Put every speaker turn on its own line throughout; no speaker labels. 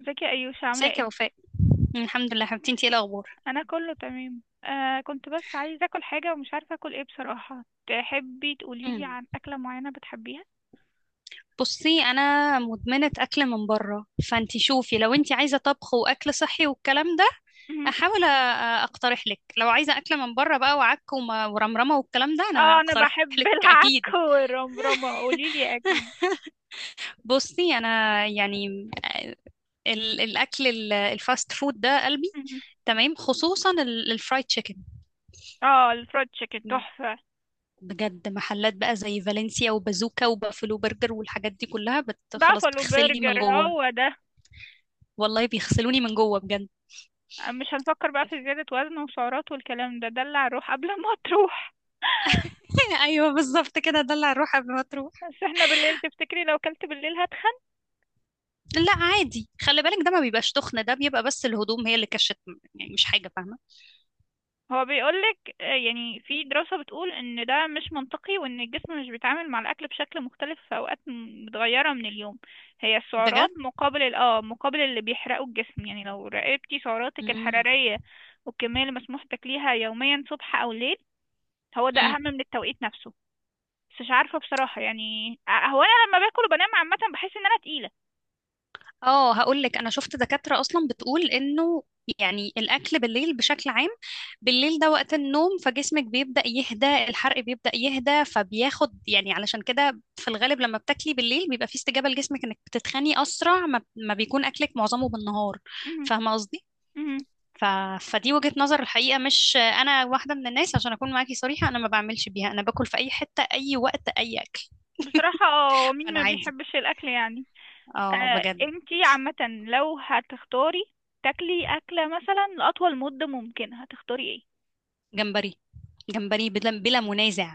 ازيك يا ايوش، عامله
ازيك يا
ايه؟
وفاء. الحمد لله حبيبتي، انتي ايه الاخبار؟
انا كله تمام. كنت بس عايزه اكل حاجه ومش عارفه اكل ايه بصراحه. تحبي تقولي لي
مم.
عن اكله معينه بتحبيها؟
بصي انا مدمنه اكل من بره، فانتي شوفي لو انتي عايزه طبخ واكل صحي والكلام ده.
مهم.
احاول اقترح لك. لو عايزه اكل من بره بقى وعك ورمرمه والكلام ده، انا
اه، انا
اقترح
بحب
لك
العك
اكيد.
والرمرمه، قولي لي اكيد.
بصي انا، يعني الاكل الفاست فود ده قلبي،
مهم.
تمام، خصوصا الفرايد تشيكن.
اه، الفرايد تشيكن تحفه.
بجد محلات بقى زي فالنسيا وبازوكا وبافلو برجر والحاجات دي كلها خلاص
بافالو
بتغسلني
برجر
من جوه.
هو ده؟
والله بيغسلوني من جوه بجد.
مش هنفكر بقى في زياده وزن وسعرات والكلام ده، دلع الروح قبل ما تروح.
ايوه بالظبط كده، ده اللي هروح قبل ما تروح.
بس احنا بالليل، تفتكري لو كلت بالليل؟
لا عادي، خلي بالك، ده ما بيبقاش تخن، ده بيبقى بس الهدوم هي اللي كشت، يعني مش حاجه فاهمه.
هو بيقولك، يعني في دراسة بتقول ان ده مش منطقي وان الجسم مش بيتعامل مع الاكل بشكل مختلف في اوقات متغيرة من اليوم. هي السعرات
بجد.
مقابل مقابل اللي بيحرقه الجسم، يعني لو راقبتي سعراتك الحرارية والكمية اللي مسموح تاكليها يوميا صبح او ليل، هو ده
امم.
اهم من التوقيت نفسه. بس مش عارفة بصراحة، يعني هو انا لما باكل وبنام عامة بحس ان انا تقيلة.
اه هقول لك، انا شفت دكاترة اصلا بتقول انه يعني الاكل بالليل بشكل عام، بالليل ده وقت النوم، فجسمك بيبدأ يهدى، الحرق بيبدأ يهدى، فبياخد يعني، علشان كده في الغالب لما بتاكلي بالليل بيبقى في استجابة لجسمك انك بتتخني اسرع ما بيكون اكلك معظمه بالنهار.
مهم.
فاهمة قصدي؟
مهم.
ف... فدي وجهة نظر الحقيقة. مش انا واحدة من الناس، عشان اكون معاكي صريحة انا ما بعملش بيها، انا باكل في اي حتة اي وقت اي اكل.
بصراحة مين
فانا
ما
عادي.
بيحبش الاكل يعني.
اه بجد.
انتي عامة، لو هتختاري تاكلي أكلة مثلا لأطول مدة ممكنة، هتختاري ايه؟
جمبري. جمبري بلا منازع.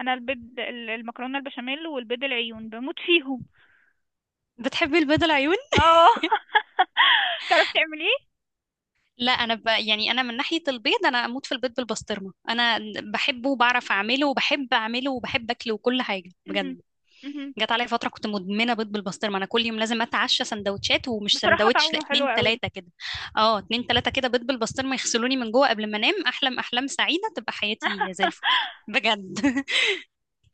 أنا البيض، المكرونة البشاميل والبيض العيون بموت فيهم.
بتحبي البيض العيون؟
اه. تعرفي تعمليه؟
لا انا يعني انا من ناحيه البيض انا اموت في البيض بالبسطرمه. انا بحبه وبعرف اعمله وبحب اعمله وبحب اكله وكل حاجه
مهم.
بجد.
مهم.
جت عليا فتره كنت مدمنه بيض بالبسطرمه، انا كل يوم لازم اتعشى سندوتشات، ومش
بصراحة
سندوتش لا،
طعمه حلو
اتنين
قوي.
تلاته كده. اه اتنين تلاته كده بيض بالبسطرمه يغسلوني من جوه قبل ما انام، احلم احلام سعيده، تبقى حياتي زي الفل. بجد.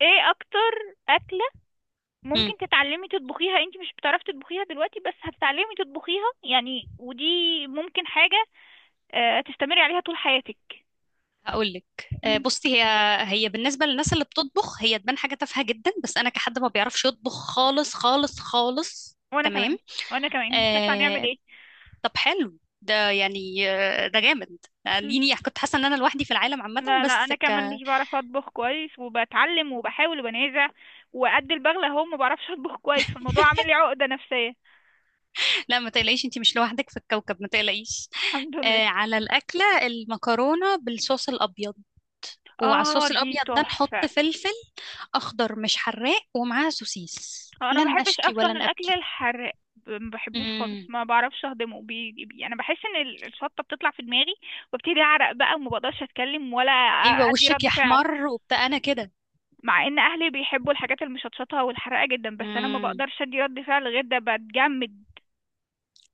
ايه أكتر أكلة ممكن تتعلمي تطبخيها، انتي مش بتعرفي تطبخيها دلوقتي بس هتتعلمي تطبخيها يعني، ودي ممكن حاجة تستمري عليها طول حياتك.
هقول لك،
مم.
بصي هي بالنسبه للناس اللي بتطبخ هي تبان حاجه تافهه جدا، بس انا كحد ما بيعرفش يطبخ خالص خالص خالص.
وانا كمان.
تمام.
وانا كمان مش عارفة هنعمل
آه.
ايه.
طب حلو ده، يعني ده جامد.
مم.
يعني كنت حاسه ان انا لوحدي في العالم عامه،
لا، لا،
بس
انا كمان مش بعرف اطبخ كويس وبتعلم وبحاول وبنازع. وقد البغلة اهو ما بعرفش اطبخ كويس، فالموضوع عامل لي عقدة نفسية.
لا، ما تقلقيش، انتي مش لوحدك في الكوكب، ما تقلقيش.
الحمد لله.
آه. على الاكله المكرونه بالصوص الابيض، وعلى
اه،
الصوص
دي
الابيض ده
تحفة.
نحط فلفل اخضر مش حراق ومعاه سوسيس
انا ما
لن
بحبش
اشكي
اصلا
ولن
الاكل الحراق، ما بحبوش خالص،
ابكي.
ما بعرفش اهضمه. انا بحس ان الشطة بتطلع في دماغي، وابتدي اعرق بقى وما بقدرش اتكلم ولا
ايوه
ادي
وشك
رد فعل.
يحمر وبتاع، انا كده.
مع ان اهلي بيحبوا الحاجات المشطشطة والحراقة جدا، بس انا ما
امم.
بقدرش ادي رد فعل غير ده، بتجمد.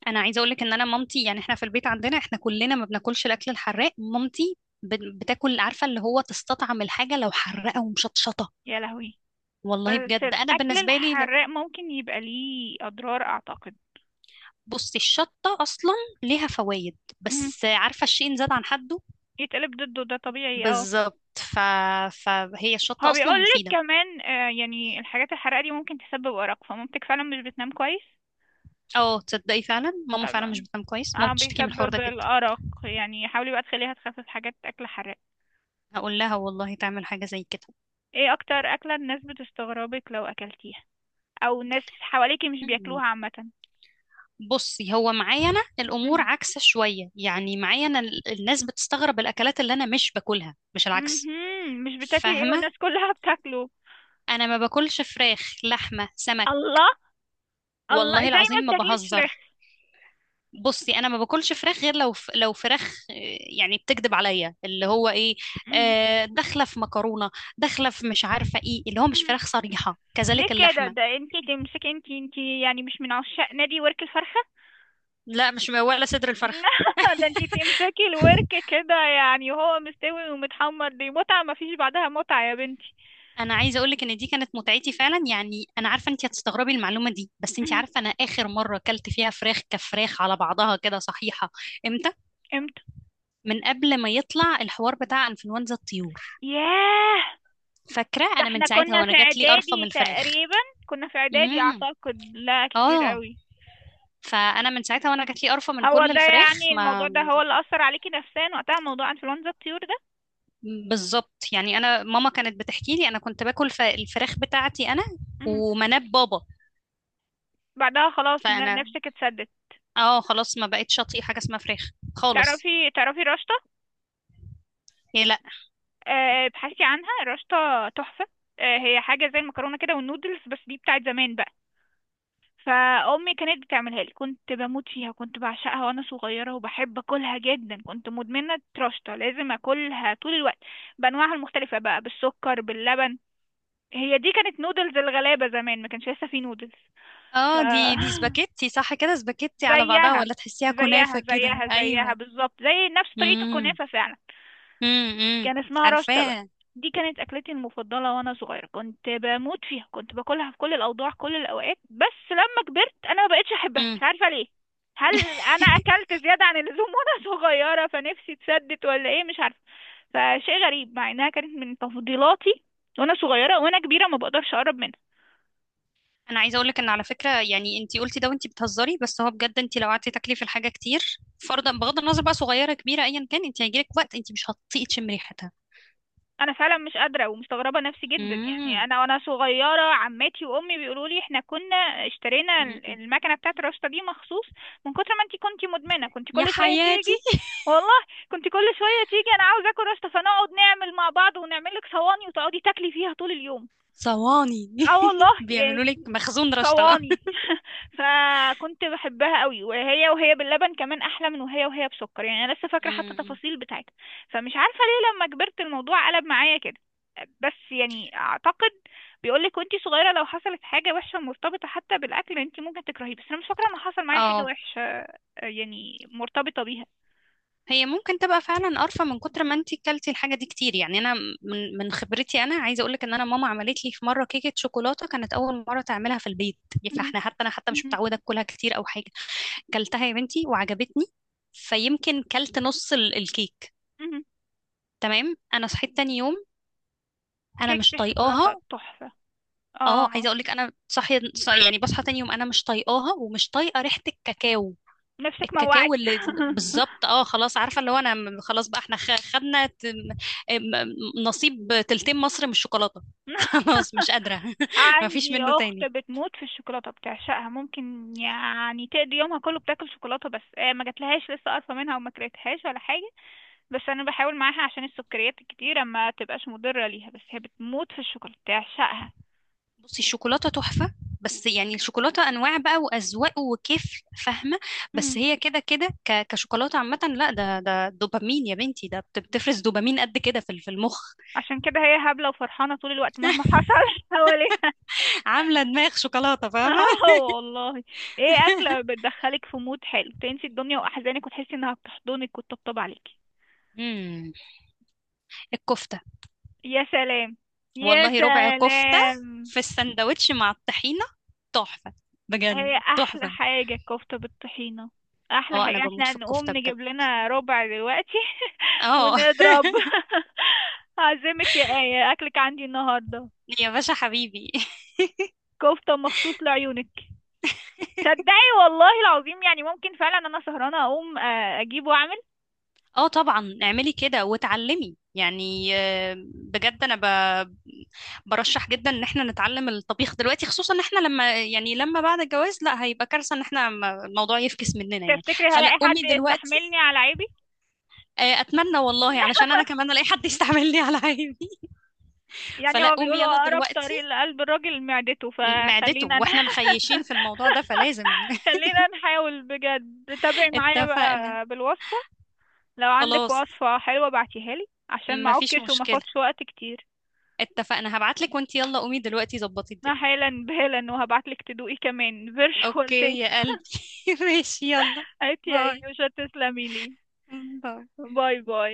انا عايزه اقول لك ان انا مامتي، يعني احنا في البيت عندنا احنا كلنا ما بناكلش الاكل الحراق. مامتي بتاكل، عارفه اللي هو تستطعم الحاجه لو حراقه ومشطشطه.
يا لهوي.
والله
بس
بجد انا
الأكل
بالنسبه لي
الحراق ممكن يبقى ليه أضرار، أعتقد.
بصي الشطه اصلا ليها فوائد،
مهم.
بس عارفه الشيء إن زاد عن حده.
يتقلب ضده، ده طبيعي، اه.
بالظبط. فهي
هو
الشطه اصلا
بيقول لك
مفيده.
كمان، يعني الحاجات الحراقة دي ممكن تسبب أرق، فمامتك فعلا مش بتنام كويس.
اه تصدقي فعلا ماما
اه
فعلا
بقى.
مش بتنام كويس، ماما بتشتكي من الحوار ده
بيسبب
جدا.
الأرق، يعني حاولي بقى تخليها تخفف حاجات أكل حراق.
هقول لها والله تعمل حاجه زي
ايه أكتر أكلة الناس بتستغربك لو أكلتيها، أو ناس حواليكي مش
كده.
بياكلوها عامة؟
بصي هو معايا انا الامور
مهم.
عكسه شويه، يعني معايا انا الناس بتستغرب الاكلات اللي انا مش باكلها، مش العكس.
مهم. مش بتاكلي ايه
فاهمه.
والناس كلها بتاكله؟
انا ما باكلش فراخ لحمه سمك.
الله. الله،
والله
زي
العظيم
ما
ما
بتاكليش فراخ.
بهزر. بصي انا ما باكلش فراخ غير لو لو فراخ يعني بتكذب عليا، اللي هو ايه، داخله في مكرونه، داخله في مش عارفه ايه، اللي هو مش
مهم.
فراخ صريحه،
ليه
كذلك
كده؟
اللحمه.
ده انتي تمسكي، انتي يعني مش من عشاق نادي ورك الفرخة؟
لا مش ولا صدر الفرخ.
ده انتي تمسكي الورك كده يعني وهو مستوي ومتحمر، دي متعة مفيش بعدها متعة يا بنتي.
انا عايزه اقول لك ان دي كانت متعتي فعلا، يعني انا عارفه انت هتستغربي المعلومه دي، بس انت
مهم.
عارفه انا اخر مره اكلت فيها فراخ كفراخ على بعضها كده صحيحه؟ امتى؟
امتى؟
من قبل ما يطلع الحوار بتاع انفلونزا الطيور.
ياه.
فاكره
ده
انا من
احنا
ساعتها
كنا في
وانا جات لي قرفه من
اعدادي
الفراخ.
تقريبا. كنا في اعدادي
امم.
اعتقد، لا كتير
اه.
قوي.
فانا من ساعتها وانا جات لي قرفه من
هو
كل
ده
الفراخ
يعني الموضوع
ما.
ده هو اللي اثر عليكي نفسيا وقتها، موضوع انفلونزا الطيور ده؟
بالظبط، يعني انا ماما كانت بتحكي لي انا كنت باكل الفراخ بتاعتي انا
مهم.
ومناب بابا.
بعدها خلاص
فانا،
نفسك اتسدت.
اه خلاص ما بقتش اطيق حاجه اسمها فراخ خالص.
تعرفي رشطة؟
هي لا.
ابحثي عنها، رشطة تحفة. هي حاجة زي المكرونة كده والنودلز، بس دي بتاعت زمان بقى. فأمي كانت بتعملها لي، كنت بموت فيها، كنت بعشقها وأنا صغيرة، وبحب أكلها جدا، كنت مدمنة رشطة، لازم أكلها طول الوقت بأنواعها المختلفة بقى، بالسكر باللبن. هي دي كانت نودلز الغلابة زمان، ما كانش لسه في نودلز. ف
اه دي سباكيتي صح كده، سباكيتي على بعضها
زيها،
ولا تحسيها
زيها،
كنافة كده؟
زيها، زيها
ايوه.
بالظبط، زي نفس طريقة
امم.
الكنافة فعلا.
امم.
كان اسمها رشطة بقى.
عارفاها.
دي كانت أكلتي المفضلة وأنا صغيرة، كنت بموت فيها، كنت باكلها في كل الأوضاع كل الأوقات، بس لما كبرت أنا ما بقتش أحبها، مش
امم.
عارفة ليه. هل أنا أكلت زيادة عن اللزوم وأنا صغيرة فنفسي اتسدت ولا إيه؟ مش عارفة. فشيء غريب مع إنها كانت من تفضيلاتي وأنا صغيرة، وأنا كبيرة ما بقدرش أقرب منها.
انا عايزه اقول لك ان على فكره، يعني انت قلتي ده وانت بتهزري، بس هو بجد، انت لو قعدتي تاكلي في الحاجه كتير، فرضا بغض النظر بقى صغيره كبيره ايا كان، انت هيجيلك وقت انت مش هتطيقي تشمي ريحتها.
انا فعلا مش قادره ومستغربه نفسي جدا، يعني
امم.
انا وانا صغيره عماتي وامي بيقولوا لي احنا كنا اشترينا المكنه بتاعه الرشطه دي مخصوص من كتر ما انتي كنتي مدمنه، كنتي
يا
كل شويه
حياتي.
تيجي. والله. كنتي كل شويه تيجي، انا عاوزه اكل رشطه، فنقعد نعمل مع بعض ونعمل لك صواني وتقعدي تاكلي فيها طول اليوم.
صواني.
اه والله
بيعملوا
يعني.
لك مخزون رشطه.
صواني. فكنت بحبها قوي، وهي باللبن كمان احلى من وهي بسكر، يعني انا لسه فاكره حتى
امم.
تفاصيل بتاعتها. فمش عارفه ليه لما كبرت الموضوع قلب معايا كده. بس يعني اعتقد بيقولك وانتي صغيره لو حصلت حاجه وحشه مرتبطه حتى بالاكل انتي ممكن تكرهيه، بس انا مش فاكره ان حصل معايا حاجه
اه.
وحشه، يعني مرتبطه بيها.
هي ممكن تبقى فعلا قرفة من كتر ما انتي كلتي الحاجة دي كتير، يعني انا من خبرتي انا عايزة اقولك ان انا ماما عملت لي في مرة كيكة شوكولاتة، كانت اول مرة تعملها في البيت،
مهم.
فاحنا حتى، انا حتى مش
مهم.
متعودة اكلها كتير او حاجة. كلتها يا بنتي وعجبتني، فيمكن كلت نص الكيك.
مهم.
تمام. انا صحيت تاني يوم انا مش
كيكه الشوكولاته
طايقاها.
تحفه.
اه
اه.
عايزة اقولك انا يعني بصحى تاني يوم انا مش طايقاها، ومش طايقة ريحة الكاكاو.
نفسك موعك.
الكاكاو اللي، بالظبط، اه خلاص، عارفه اللي هو انا خلاص بقى احنا خدنا نصيب تلتين مصر من الشوكولاته. خلاص مش قادره ما فيش
عندي
منه
اخت
تاني.
بتموت في الشوكولاته، بتعشقها، ممكن يعني تقضي يومها كله بتاكل شوكولاته، بس ما جاتلهاش لسه قرفه منها وما كرهتهاش ولا حاجه. بس انا بحاول معاها عشان السكريات الكتيره ما تبقاش مضره ليها، بس هي بتموت في الشوكولاته بتعشقها.
بصي الشوكولاته تحفه، بس يعني الشوكولاته انواع بقى واذواق وكيف فاهمه، بس
مم.
هي كده كده كشوكولاته عامه لا، ده دوبامين يا بنتي، ده بتفرز دوبامين قد كده في في المخ.
عشان كده هي هبله وفرحانه طول الوقت مهما حصل حواليها.
عامله دماغ شوكولاته فاهمه.
اه والله. ايه اكله بتدخلك في مود حلو، تنسي الدنيا واحزانك، وتحسي انها بتحضنك وتطبطب عليكي؟
امم. الكفته.
يا سلام، يا
والله ربع كفتة
سلام.
في السندوتش مع الطحينة، تحفة،
هي
بجد
احلى
تحفة.
حاجة الكفتة بالطحينة. احلى
اه انا
حاجة
بموت
احنا
في
نقوم
الكفتة بجد.
نجيب لنا ربع دلوقتي
اه.
ونضرب. هعزمك يا آية، اكلك عندي النهاردة.
يا باشا حبيبي.
كفتة مخصوص لعيونك. صدقي والله العظيم، يعني ممكن فعلا انا سهرانة اقوم، اجيب واعمل.
اه طبعا اعملي كده وتعلمي، يعني بجد انا ب... برشح جدا ان احنا نتعلم الطبيخ دلوقتي، خصوصا ان احنا لما يعني لما بعد الجواز لا هيبقى كارثة ان احنا الموضوع يفكس مننا يعني،
تفتكري
فلا
هلاقي حد
قومي دلوقتي.
يستحملني على عيبي؟
اتمنى والله، علشان انا كمان الاقي حد يستعملني على عيبي.
يعني
فلا
هو
قومي
بيقولوا
يلا
أقرب
دلوقتي.
طريق لقلب الراجل معدته،
معدته،
فخلينا
واحنا مخيشين في الموضوع ده فلازم.
خلينا نحاول بجد، تابعي معايا
اتفقنا.
بقى بالوصفة. لو عندك
خلاص
وصفة حلوة بعتيها لي عشان ما
مفيش
اعكش وما
مشكلة.
اخدش وقت كتير.
اتفقنا، هبعتلك وانت يلا قومي دلوقتي ظبطي
انا
الدنيا.
حالا بالا وهبعتلك تدوقي كمان فيرشوال
اوكي
تيست.
يا قلبي. ماشي يلا.
عيتي يا
باي.
ايوشا، تسلمي لي.
باي.
باي باي.